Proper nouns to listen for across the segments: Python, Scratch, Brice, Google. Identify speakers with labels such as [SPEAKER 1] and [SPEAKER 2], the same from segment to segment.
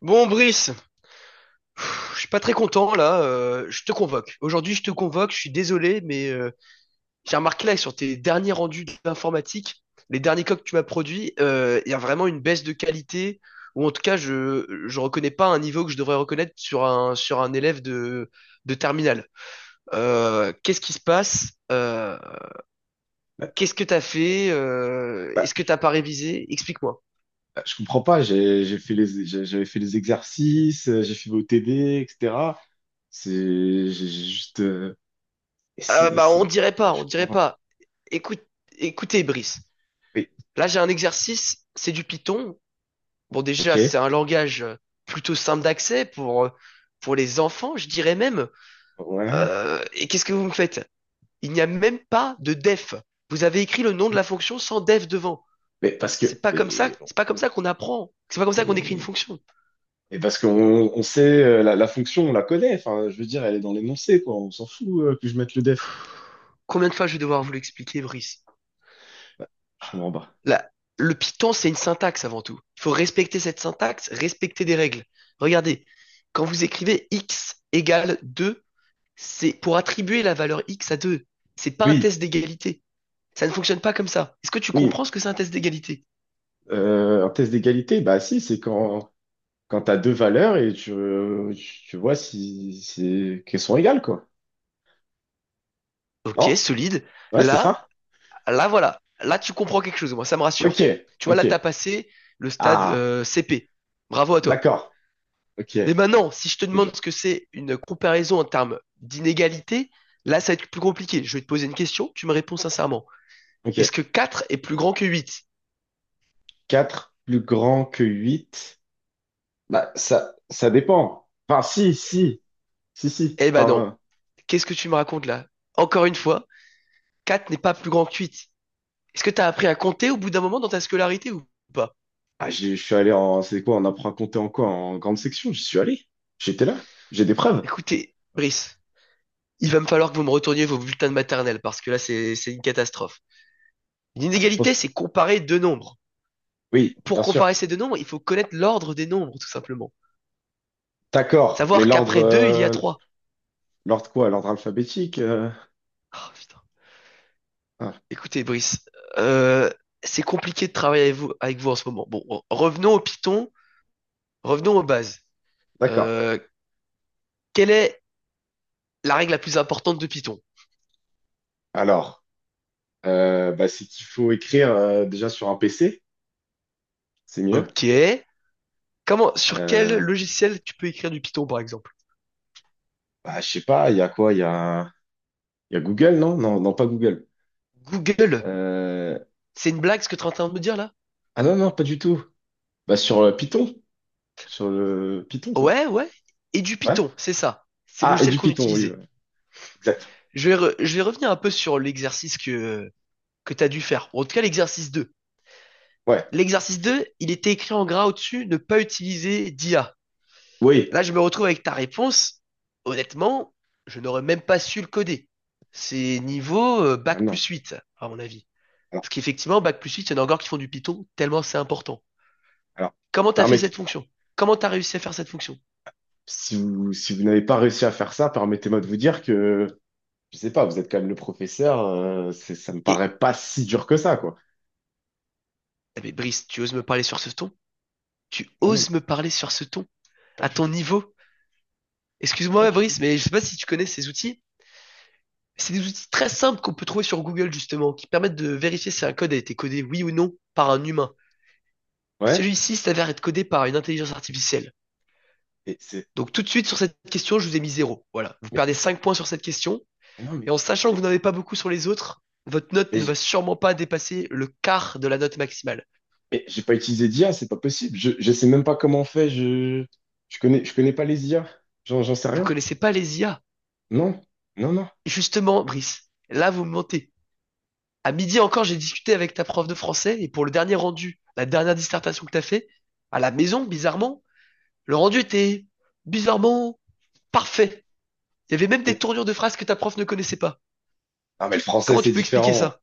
[SPEAKER 1] Bon, Brice, je suis pas très content là. Je te convoque. Aujourd'hui, je te convoque. Je suis désolé, mais j'ai remarqué là que sur tes derniers rendus d'informatique, les derniers coques que tu m'as produits, il y a vraiment une baisse de qualité. Ou en tout cas, je reconnais pas un niveau que je devrais reconnaître sur un élève de terminale. Qu'est-ce qui se passe?
[SPEAKER 2] Bah,
[SPEAKER 1] Qu'est-ce que t'as fait?
[SPEAKER 2] bah,
[SPEAKER 1] Est-ce que t'as pas révisé? Explique-moi.
[SPEAKER 2] bah, je comprends pas. J'avais fait les exercices, j'ai fait vos TD, etc. C'est j'ai juste
[SPEAKER 1] Ah
[SPEAKER 2] et
[SPEAKER 1] bah on
[SPEAKER 2] c'est
[SPEAKER 1] dirait
[SPEAKER 2] Bah,
[SPEAKER 1] pas,
[SPEAKER 2] je
[SPEAKER 1] on dirait
[SPEAKER 2] comprends pas.
[SPEAKER 1] pas. Écoute, Écoutez, Brice.
[SPEAKER 2] Oui,
[SPEAKER 1] Là, j'ai un exercice, c'est du Python. Bon,
[SPEAKER 2] ok,
[SPEAKER 1] déjà, c'est un langage plutôt simple d'accès pour les enfants, je dirais même.
[SPEAKER 2] ouais,
[SPEAKER 1] Et qu'est-ce que vous me faites? Il n'y a même pas de def. Vous avez écrit le nom de
[SPEAKER 2] oui.
[SPEAKER 1] la fonction sans def devant.
[SPEAKER 2] Mais parce
[SPEAKER 1] C'est
[SPEAKER 2] que
[SPEAKER 1] pas comme ça,
[SPEAKER 2] mais bon,
[SPEAKER 1] c'est pas comme ça qu'on apprend. C'est pas comme ça qu'on écrit une
[SPEAKER 2] et,
[SPEAKER 1] fonction.
[SPEAKER 2] et parce qu'on on sait, la fonction, on la connaît. Enfin, je veux dire, elle est dans l'énoncé, quoi. On s'en fout, que je mette le def.
[SPEAKER 1] Combien de fois je vais devoir vous
[SPEAKER 2] Hein.
[SPEAKER 1] l'expliquer, Brice?
[SPEAKER 2] Bah, je comprends pas.
[SPEAKER 1] Là, le Python, c'est une syntaxe avant tout. Il faut respecter cette syntaxe, respecter des règles. Regardez, quand vous écrivez x égale 2. C'est pour attribuer la valeur x à 2. C'est pas un
[SPEAKER 2] Oui,
[SPEAKER 1] test d'égalité. Ça ne fonctionne pas comme ça. Est-ce que tu
[SPEAKER 2] oui.
[SPEAKER 1] comprends ce que c'est un test d'égalité?
[SPEAKER 2] Un test d'égalité, bah si, c'est quand t'as deux valeurs et tu vois si qu'elles sont égales, quoi.
[SPEAKER 1] Ok,
[SPEAKER 2] Non?
[SPEAKER 1] solide.
[SPEAKER 2] Ouais, c'est
[SPEAKER 1] Là,
[SPEAKER 2] ça?
[SPEAKER 1] là, voilà. Là, tu comprends quelque chose, moi, ça me
[SPEAKER 2] Ok,
[SPEAKER 1] rassure. Tu vois,
[SPEAKER 2] ok.
[SPEAKER 1] là, tu as passé le stade
[SPEAKER 2] Ah,
[SPEAKER 1] CP. Bravo à toi.
[SPEAKER 2] d'accord. Ok,
[SPEAKER 1] Mais maintenant, si je te
[SPEAKER 2] c'est dur.
[SPEAKER 1] demande ce que c'est une comparaison en termes d'inégalité, là, ça va être plus compliqué. Je vais te poser une question, tu me réponds sincèrement. Est-ce
[SPEAKER 2] Ok.
[SPEAKER 1] que 4 est plus grand que 8?
[SPEAKER 2] Quatre plus grand que huit? Bah, ça dépend. Enfin, si, si, si, si.
[SPEAKER 1] Eh ben non.
[SPEAKER 2] Enfin,
[SPEAKER 1] Qu'est-ce que tu me racontes là? Encore une fois, 4 n'est pas plus grand que 8. Est-ce que t'as appris à compter au bout d'un moment dans ta scolarité ou pas?
[SPEAKER 2] ah, je suis allé en, c'est quoi, on apprend à compter en quoi? En grande section, j'y suis allé. J'étais là. J'ai des preuves.
[SPEAKER 1] Écoutez, Brice, il va me falloir que vous me retourniez vos bulletins de maternelle parce que là, c'est une catastrophe. Une
[SPEAKER 2] Ah, bah, je pense
[SPEAKER 1] inégalité,
[SPEAKER 2] que,
[SPEAKER 1] c'est comparer deux nombres.
[SPEAKER 2] oui, bien
[SPEAKER 1] Pour
[SPEAKER 2] sûr.
[SPEAKER 1] comparer ces deux nombres, il faut connaître l'ordre des nombres, tout simplement.
[SPEAKER 2] D'accord. Mais
[SPEAKER 1] Savoir
[SPEAKER 2] l'ordre,
[SPEAKER 1] qu'après deux, il y a trois.
[SPEAKER 2] l'ordre quoi? L'ordre alphabétique? euh,
[SPEAKER 1] Ah, putain.
[SPEAKER 2] ah,
[SPEAKER 1] Écoutez, Brice, euh, c'est compliqué de travailler avec vous, en ce moment. Bon, revenons au Python, revenons aux bases.
[SPEAKER 2] d'accord.
[SPEAKER 1] Euh, Quelle est la règle la plus importante de Python?
[SPEAKER 2] Alors. Bah, c'est qu'il faut écrire déjà sur un PC, c'est mieux.
[SPEAKER 1] Ok. Sur quel
[SPEAKER 2] Euh,
[SPEAKER 1] logiciel tu peux écrire du Python, par exemple?
[SPEAKER 2] bah, je sais pas, il y a quoi? Il y a Google, non? Non, non, pas Google.
[SPEAKER 1] Google.
[SPEAKER 2] Euh,
[SPEAKER 1] C'est une blague ce que tu es en train de me dire là?
[SPEAKER 2] ah non, non, pas du tout. Bah, sur Python, sur le Python, quoi.
[SPEAKER 1] Ouais, ouais. Et du
[SPEAKER 2] Ouais.
[SPEAKER 1] Python, c'est ça. C'est le
[SPEAKER 2] Ah, et
[SPEAKER 1] logiciel
[SPEAKER 2] du
[SPEAKER 1] qu'on
[SPEAKER 2] Python, oui,
[SPEAKER 1] utilisait.
[SPEAKER 2] ouais. Exact.
[SPEAKER 1] Je vais revenir un peu sur l'exercice que tu as dû faire. Bon, en tout cas, l'exercice 2.
[SPEAKER 2] Ouais,
[SPEAKER 1] L'exercice 2, il était écrit en gras au-dessus, ne pas utiliser d'IA.
[SPEAKER 2] oui.
[SPEAKER 1] Là, je me retrouve avec ta réponse. Honnêtement, je n'aurais même pas su le coder. C'est niveau
[SPEAKER 2] Ah
[SPEAKER 1] bac
[SPEAKER 2] non.
[SPEAKER 1] plus 8, à mon avis.
[SPEAKER 2] Alors,
[SPEAKER 1] Parce qu'effectivement, bac plus 8, il y en a encore qui font du Python, tellement c'est important.
[SPEAKER 2] alors,
[SPEAKER 1] Comment t'as fait
[SPEAKER 2] permettez,
[SPEAKER 1] cette fonction? Comment t'as réussi à faire cette fonction?
[SPEAKER 2] si vous n'avez pas réussi à faire ça, permettez-moi de vous dire que, je sais pas, vous êtes quand même le professeur, ça me
[SPEAKER 1] Et
[SPEAKER 2] paraît pas si dur que ça, quoi.
[SPEAKER 1] Ah, mais Brice, tu oses me parler sur ce ton? Tu
[SPEAKER 2] Non, non,
[SPEAKER 1] oses me parler sur ce ton?
[SPEAKER 2] pas
[SPEAKER 1] À
[SPEAKER 2] du
[SPEAKER 1] ton
[SPEAKER 2] tout,
[SPEAKER 1] niveau?
[SPEAKER 2] pas
[SPEAKER 1] Excuse-moi,
[SPEAKER 2] du tout.
[SPEAKER 1] Brice, mais je sais pas si tu connais ces outils. C'est des outils très simples qu'on peut trouver sur Google, justement, qui permettent de vérifier si un code a été codé oui ou non par un humain. Et
[SPEAKER 2] Ouais.
[SPEAKER 1] celui-ci s'avère être codé par une intelligence artificielle.
[SPEAKER 2] Et c'est
[SPEAKER 1] Donc tout de suite sur cette question, je vous ai mis zéro. Voilà. Vous
[SPEAKER 2] Mais
[SPEAKER 1] perdez
[SPEAKER 2] ça,
[SPEAKER 1] 5 points sur cette question.
[SPEAKER 2] mais non,
[SPEAKER 1] Et en sachant que
[SPEAKER 2] mais,
[SPEAKER 1] vous n'en avez pas beaucoup sur les autres, votre note
[SPEAKER 2] mais
[SPEAKER 1] ne va
[SPEAKER 2] j'ai
[SPEAKER 1] sûrement pas dépasser le quart de la note maximale.
[SPEAKER 2] mais j'ai pas utilisé d'IA, c'est pas possible. Je sais même pas comment on fait. Je connais pas les IA. J'en sais
[SPEAKER 1] Vous
[SPEAKER 2] rien.
[SPEAKER 1] connaissez pas les IA.
[SPEAKER 2] Non, non, non.
[SPEAKER 1] Et justement, Brice, là vous me mentez. À midi encore, j'ai discuté avec ta prof de français et pour le dernier rendu, la dernière dissertation que t'as fait, à la maison, bizarrement, le rendu était bizarrement parfait. Il y avait même des
[SPEAKER 2] Et-
[SPEAKER 1] tournures de phrases que ta prof ne connaissait pas.
[SPEAKER 2] non, mais le français,
[SPEAKER 1] Comment tu
[SPEAKER 2] c'est
[SPEAKER 1] peux expliquer
[SPEAKER 2] différent.
[SPEAKER 1] ça?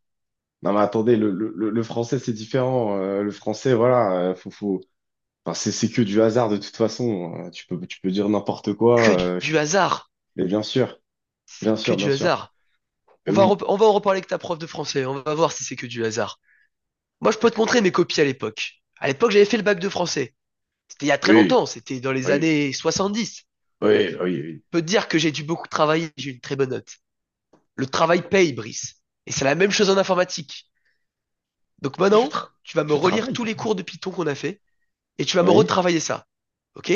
[SPEAKER 2] Non, mais attendez, le français, c'est différent. Le français, voilà, faut, enfin, c'est que du hasard de toute façon. Tu peux dire n'importe
[SPEAKER 1] Que
[SPEAKER 2] quoi.
[SPEAKER 1] du du hasard,
[SPEAKER 2] Mais bien sûr, bien
[SPEAKER 1] que
[SPEAKER 2] sûr, bien
[SPEAKER 1] du
[SPEAKER 2] sûr.
[SPEAKER 1] hasard.
[SPEAKER 2] Mais
[SPEAKER 1] On va,
[SPEAKER 2] oui,
[SPEAKER 1] rep- on va en reparler avec ta prof de français, on va voir si c'est que du hasard. Moi, je peux te
[SPEAKER 2] d'accord.
[SPEAKER 1] montrer mes copies à l'époque. À l'époque, j'avais fait le bac de français. C'était il y a très
[SPEAKER 2] Oui,
[SPEAKER 1] longtemps, c'était dans les
[SPEAKER 2] oui,
[SPEAKER 1] années 70. Je
[SPEAKER 2] oui, oui, oui.
[SPEAKER 1] peux te dire que j'ai dû beaucoup travailler, j'ai eu une très bonne note. Le travail paye, Brice. Et c'est la même chose en informatique. Donc
[SPEAKER 2] Mais je,
[SPEAKER 1] maintenant,
[SPEAKER 2] tra-
[SPEAKER 1] tu vas me
[SPEAKER 2] je
[SPEAKER 1] relire tous
[SPEAKER 2] travaille.
[SPEAKER 1] les cours de Python qu'on a fait et tu vas me
[SPEAKER 2] Oui.
[SPEAKER 1] retravailler ça. Ok?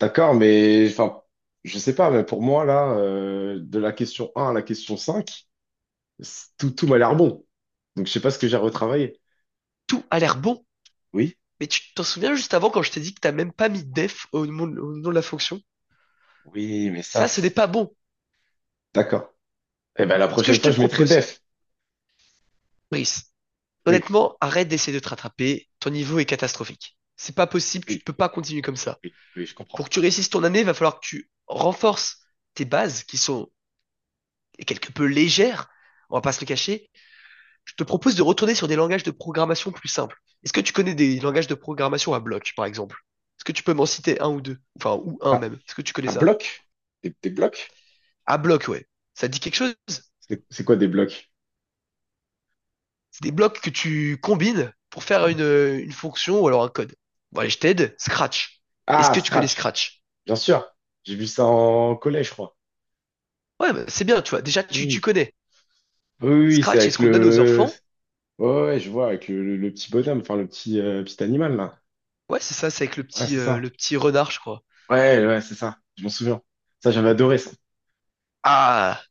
[SPEAKER 2] D'accord, mais enfin, je sais pas, mais pour moi, là, de la question un à la question 5, tout m'a l'air bon. Donc, je sais pas ce que j'ai retravaillé.
[SPEAKER 1] Tout a l'air bon.
[SPEAKER 2] Oui,
[SPEAKER 1] Mais tu t'en souviens juste avant quand je t'ai dit que t'as même pas mis def au nom de la fonction?
[SPEAKER 2] oui, mais ça,
[SPEAKER 1] Ça, ce n'est pas bon.
[SPEAKER 2] d'accord. Eh ben, la
[SPEAKER 1] Ce que
[SPEAKER 2] prochaine
[SPEAKER 1] je te
[SPEAKER 2] fois, je mettrai
[SPEAKER 1] propose,
[SPEAKER 2] def.
[SPEAKER 1] Brice,
[SPEAKER 2] Oui,
[SPEAKER 1] honnêtement, arrête d'essayer de te rattraper. Ton niveau est catastrophique. C'est pas possible, tu ne
[SPEAKER 2] oui,
[SPEAKER 1] peux pas continuer comme ça.
[SPEAKER 2] oui, oui, je
[SPEAKER 1] Pour
[SPEAKER 2] comprends.
[SPEAKER 1] que tu réussisses ton année, il va falloir que tu renforces tes bases qui sont quelque peu légères, on va pas se le cacher. Je te propose de retourner sur des langages de programmation plus simples. Est-ce que tu connais des langages de programmation à bloc, par exemple? Est-ce que tu peux m'en citer un ou deux? Enfin, ou un
[SPEAKER 2] Ah,
[SPEAKER 1] même. Est-ce que tu connais
[SPEAKER 2] un
[SPEAKER 1] ça?
[SPEAKER 2] bloc? Des blocs?
[SPEAKER 1] À bloc, ouais. Ça te dit quelque chose? C'est
[SPEAKER 2] C'est quoi des blocs?
[SPEAKER 1] des blocs que tu combines pour faire une fonction ou alors un code. Bon, allez, je t'aide. Scratch. Est-ce
[SPEAKER 2] Ah,
[SPEAKER 1] que tu connais
[SPEAKER 2] Scratch,
[SPEAKER 1] Scratch?
[SPEAKER 2] bien sûr. J'ai vu ça en collège, je crois.
[SPEAKER 1] Ouais, bah, c'est bien, tu vois. Déjà, tu
[SPEAKER 2] Oui,
[SPEAKER 1] connais.
[SPEAKER 2] oui, oui, oui, c'est
[SPEAKER 1] Scratch, c'est
[SPEAKER 2] avec
[SPEAKER 1] ce qu'on donne aux
[SPEAKER 2] le...
[SPEAKER 1] enfants.
[SPEAKER 2] Ouais, ouais, je vois, avec le petit bonhomme, enfin, le petit, petit animal, là.
[SPEAKER 1] Ouais, c'est ça, c'est avec le
[SPEAKER 2] Ah,
[SPEAKER 1] petit,
[SPEAKER 2] c'est
[SPEAKER 1] euh,
[SPEAKER 2] ça.
[SPEAKER 1] le petit renard, je crois.
[SPEAKER 2] Ouais, ouais, c'est ça. Je m'en souviens. Ça, j'avais adoré ça.
[SPEAKER 1] Ah,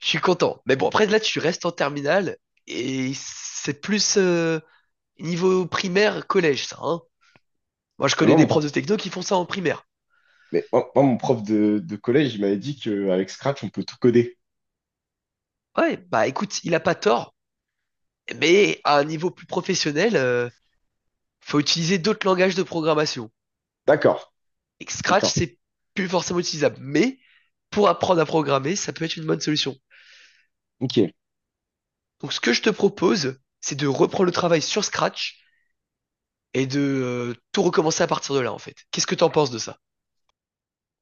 [SPEAKER 1] je suis content. Mais bon, après, là, tu restes en terminale et c'est plus, niveau primaire, collège, ça, hein. Moi, je
[SPEAKER 2] Mais moi,
[SPEAKER 1] connais
[SPEAKER 2] mon,
[SPEAKER 1] des profs
[SPEAKER 2] pro-
[SPEAKER 1] de techno qui font ça en primaire.
[SPEAKER 2] mais moi, moi, Mon prof de collège, il m'avait dit qu'avec Scratch, on peut tout coder.
[SPEAKER 1] Ouais, bah écoute, il a pas tort, mais à un niveau plus professionnel, faut utiliser d'autres langages de programmation.
[SPEAKER 2] D'accord,
[SPEAKER 1] Et Scratch,
[SPEAKER 2] d'accord.
[SPEAKER 1] c'est plus forcément utilisable, mais pour apprendre à programmer, ça peut être une bonne solution.
[SPEAKER 2] Ok.
[SPEAKER 1] Donc, ce que je te propose, c'est de reprendre le travail sur Scratch et de tout recommencer à partir de là, en fait. Qu'est-ce que t'en penses de ça?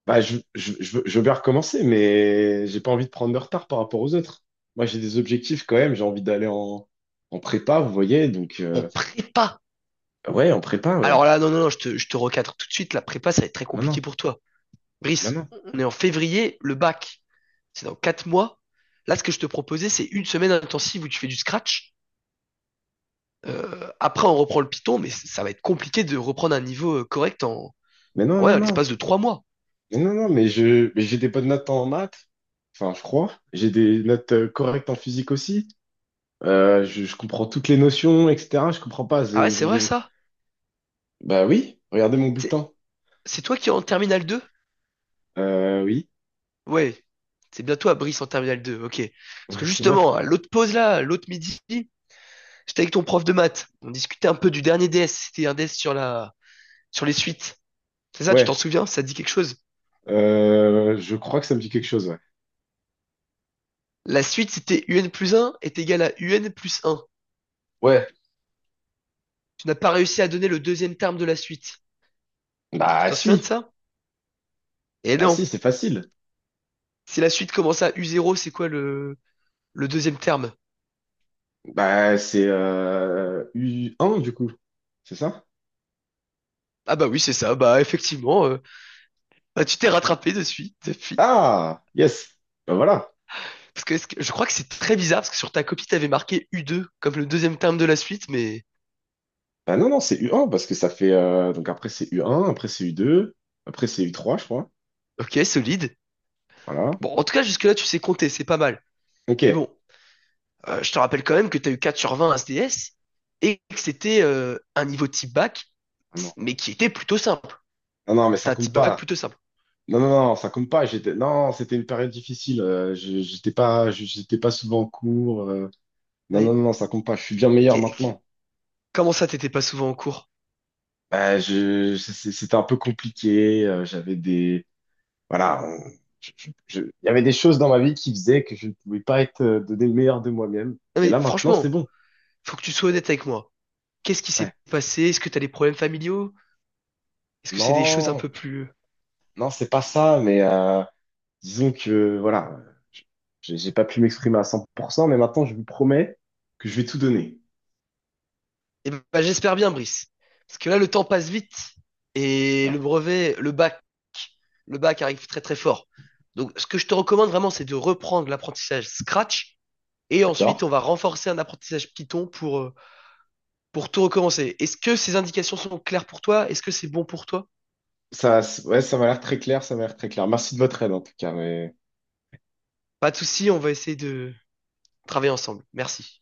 [SPEAKER 2] Bah, je veux bien recommencer, mais j'ai pas envie de prendre de retard par rapport aux autres. Moi, j'ai des objectifs quand même. J'ai envie d'aller en prépa, vous voyez. Donc,
[SPEAKER 1] En prépa.
[SPEAKER 2] ouais, en prépa, ouais.
[SPEAKER 1] Alors là, non, non, non, je te recadre tout de suite. La prépa, ça va être très
[SPEAKER 2] Ah,
[SPEAKER 1] compliqué
[SPEAKER 2] maintenant.
[SPEAKER 1] pour toi.
[SPEAKER 2] Ah,
[SPEAKER 1] Brice,
[SPEAKER 2] maintenant.
[SPEAKER 1] on est en février, le bac, c'est dans 4 mois. Là, ce que je te proposais, c'est une semaine intensive où tu fais du scratch. Après, on reprend le Python, mais ça va être compliqué de reprendre un niveau correct
[SPEAKER 2] Mais non,
[SPEAKER 1] ouais,
[SPEAKER 2] non,
[SPEAKER 1] en
[SPEAKER 2] non.
[SPEAKER 1] l'espace de 3 mois.
[SPEAKER 2] Mais non, non, mais j'ai des bonnes notes en maths. Enfin, je crois. J'ai des notes correctes en physique aussi. Je comprends toutes les notions, etc. Je comprends pas.
[SPEAKER 1] Ah ouais, c'est vrai ça?
[SPEAKER 2] Bah oui, regardez mon
[SPEAKER 1] C'est
[SPEAKER 2] bulletin.
[SPEAKER 1] c'est toi qui es en terminale 2.
[SPEAKER 2] Oui,
[SPEAKER 1] Ouais, c'est bien toi, Brice, en terminale 2. Ok. Parce
[SPEAKER 2] Ouais,
[SPEAKER 1] que
[SPEAKER 2] c'est moi.
[SPEAKER 1] justement, à l'autre midi, j'étais avec ton prof de maths. On discutait un peu du dernier DS. C'était un DS sur les suites. C'est ça, tu t'en
[SPEAKER 2] Ouais,
[SPEAKER 1] souviens? Ça te dit quelque chose?
[SPEAKER 2] Euh, Je crois que ça me dit quelque chose. Ouais.
[SPEAKER 1] La suite, c'était UN plus un est égal à UN plus un.
[SPEAKER 2] Ouais.
[SPEAKER 1] Tu n'as pas réussi à donner le deuxième terme de la suite. Tu
[SPEAKER 2] Bah
[SPEAKER 1] t'en souviens de
[SPEAKER 2] si,
[SPEAKER 1] ça? Et
[SPEAKER 2] bah
[SPEAKER 1] non.
[SPEAKER 2] si, c'est facile.
[SPEAKER 1] Si la suite commence à u zéro, c'est quoi le deuxième terme?
[SPEAKER 2] Bah c'est U1 du coup, c'est ça?
[SPEAKER 1] Ah bah oui, c'est ça. Bah effectivement, tu t'es rattrapé dessus, depuis.
[SPEAKER 2] Ah, yes. Bah voilà.
[SPEAKER 1] Parce que, je crois que c'est très bizarre parce que sur ta copie, t'avais marqué u deux comme le deuxième terme de la suite, mais
[SPEAKER 2] Bah non, non, c'est U1 parce que donc après c'est U1, après c'est U2, après c'est U3, je crois.
[SPEAKER 1] ok, solide.
[SPEAKER 2] Voilà.
[SPEAKER 1] Bon, en tout cas, jusque-là, tu sais compter, c'est pas mal.
[SPEAKER 2] Ok.
[SPEAKER 1] Mais bon, je te rappelle quand même que t'as eu 4/20 à SDS et que c'était un niveau type bac,
[SPEAKER 2] Ah non,
[SPEAKER 1] mais qui était plutôt simple.
[SPEAKER 2] non, non, mais
[SPEAKER 1] C'était
[SPEAKER 2] ça
[SPEAKER 1] un
[SPEAKER 2] compte
[SPEAKER 1] type bac
[SPEAKER 2] pas.
[SPEAKER 1] plutôt simple.
[SPEAKER 2] Non, non, non, ça compte pas. J'étais, non, c'était une période difficile. J'étais pas, j'étais pas souvent en cours. Non, non,
[SPEAKER 1] Mais
[SPEAKER 2] non, non, ça compte pas. Je suis bien meilleur maintenant.
[SPEAKER 1] Comment ça, t'étais pas souvent en cours?
[SPEAKER 2] Bah, c'était un peu compliqué. J'avais des, voilà, il y avait des choses dans ma vie qui faisaient que je ne pouvais pas être, donner le meilleur de moi-même.
[SPEAKER 1] Non
[SPEAKER 2] Mais
[SPEAKER 1] mais
[SPEAKER 2] là, maintenant, c'est
[SPEAKER 1] franchement,
[SPEAKER 2] bon.
[SPEAKER 1] faut que tu sois honnête avec moi. Qu'est-ce qui s'est
[SPEAKER 2] Ouais.
[SPEAKER 1] passé? Est-ce que t'as des problèmes familiaux? Est-ce que c'est des choses un
[SPEAKER 2] Non,
[SPEAKER 1] peu plus...
[SPEAKER 2] non, c'est pas ça. Mais disons que, voilà, je- j'ai pas pu m'exprimer à 100%, mais maintenant, je vous promets que je vais tout donner.
[SPEAKER 1] Eh ben, j'espère bien, Brice. Parce que là, le temps passe vite et le
[SPEAKER 2] Ouais,
[SPEAKER 1] brevet, le bac arrive très très fort. Donc, ce que je te recommande vraiment, c'est de reprendre l'apprentissage Scratch et
[SPEAKER 2] d'accord?
[SPEAKER 1] ensuite, on va renforcer un apprentissage Python pour tout recommencer. Est-ce que ces indications sont claires pour toi? Est-ce que c'est bon pour toi?
[SPEAKER 2] Ça, ouais, ça m'a l'air très clair, ça m'a l'air très clair. Merci de votre aide en tout cas, mais.
[SPEAKER 1] Pas de souci, on va essayer de travailler ensemble. Merci.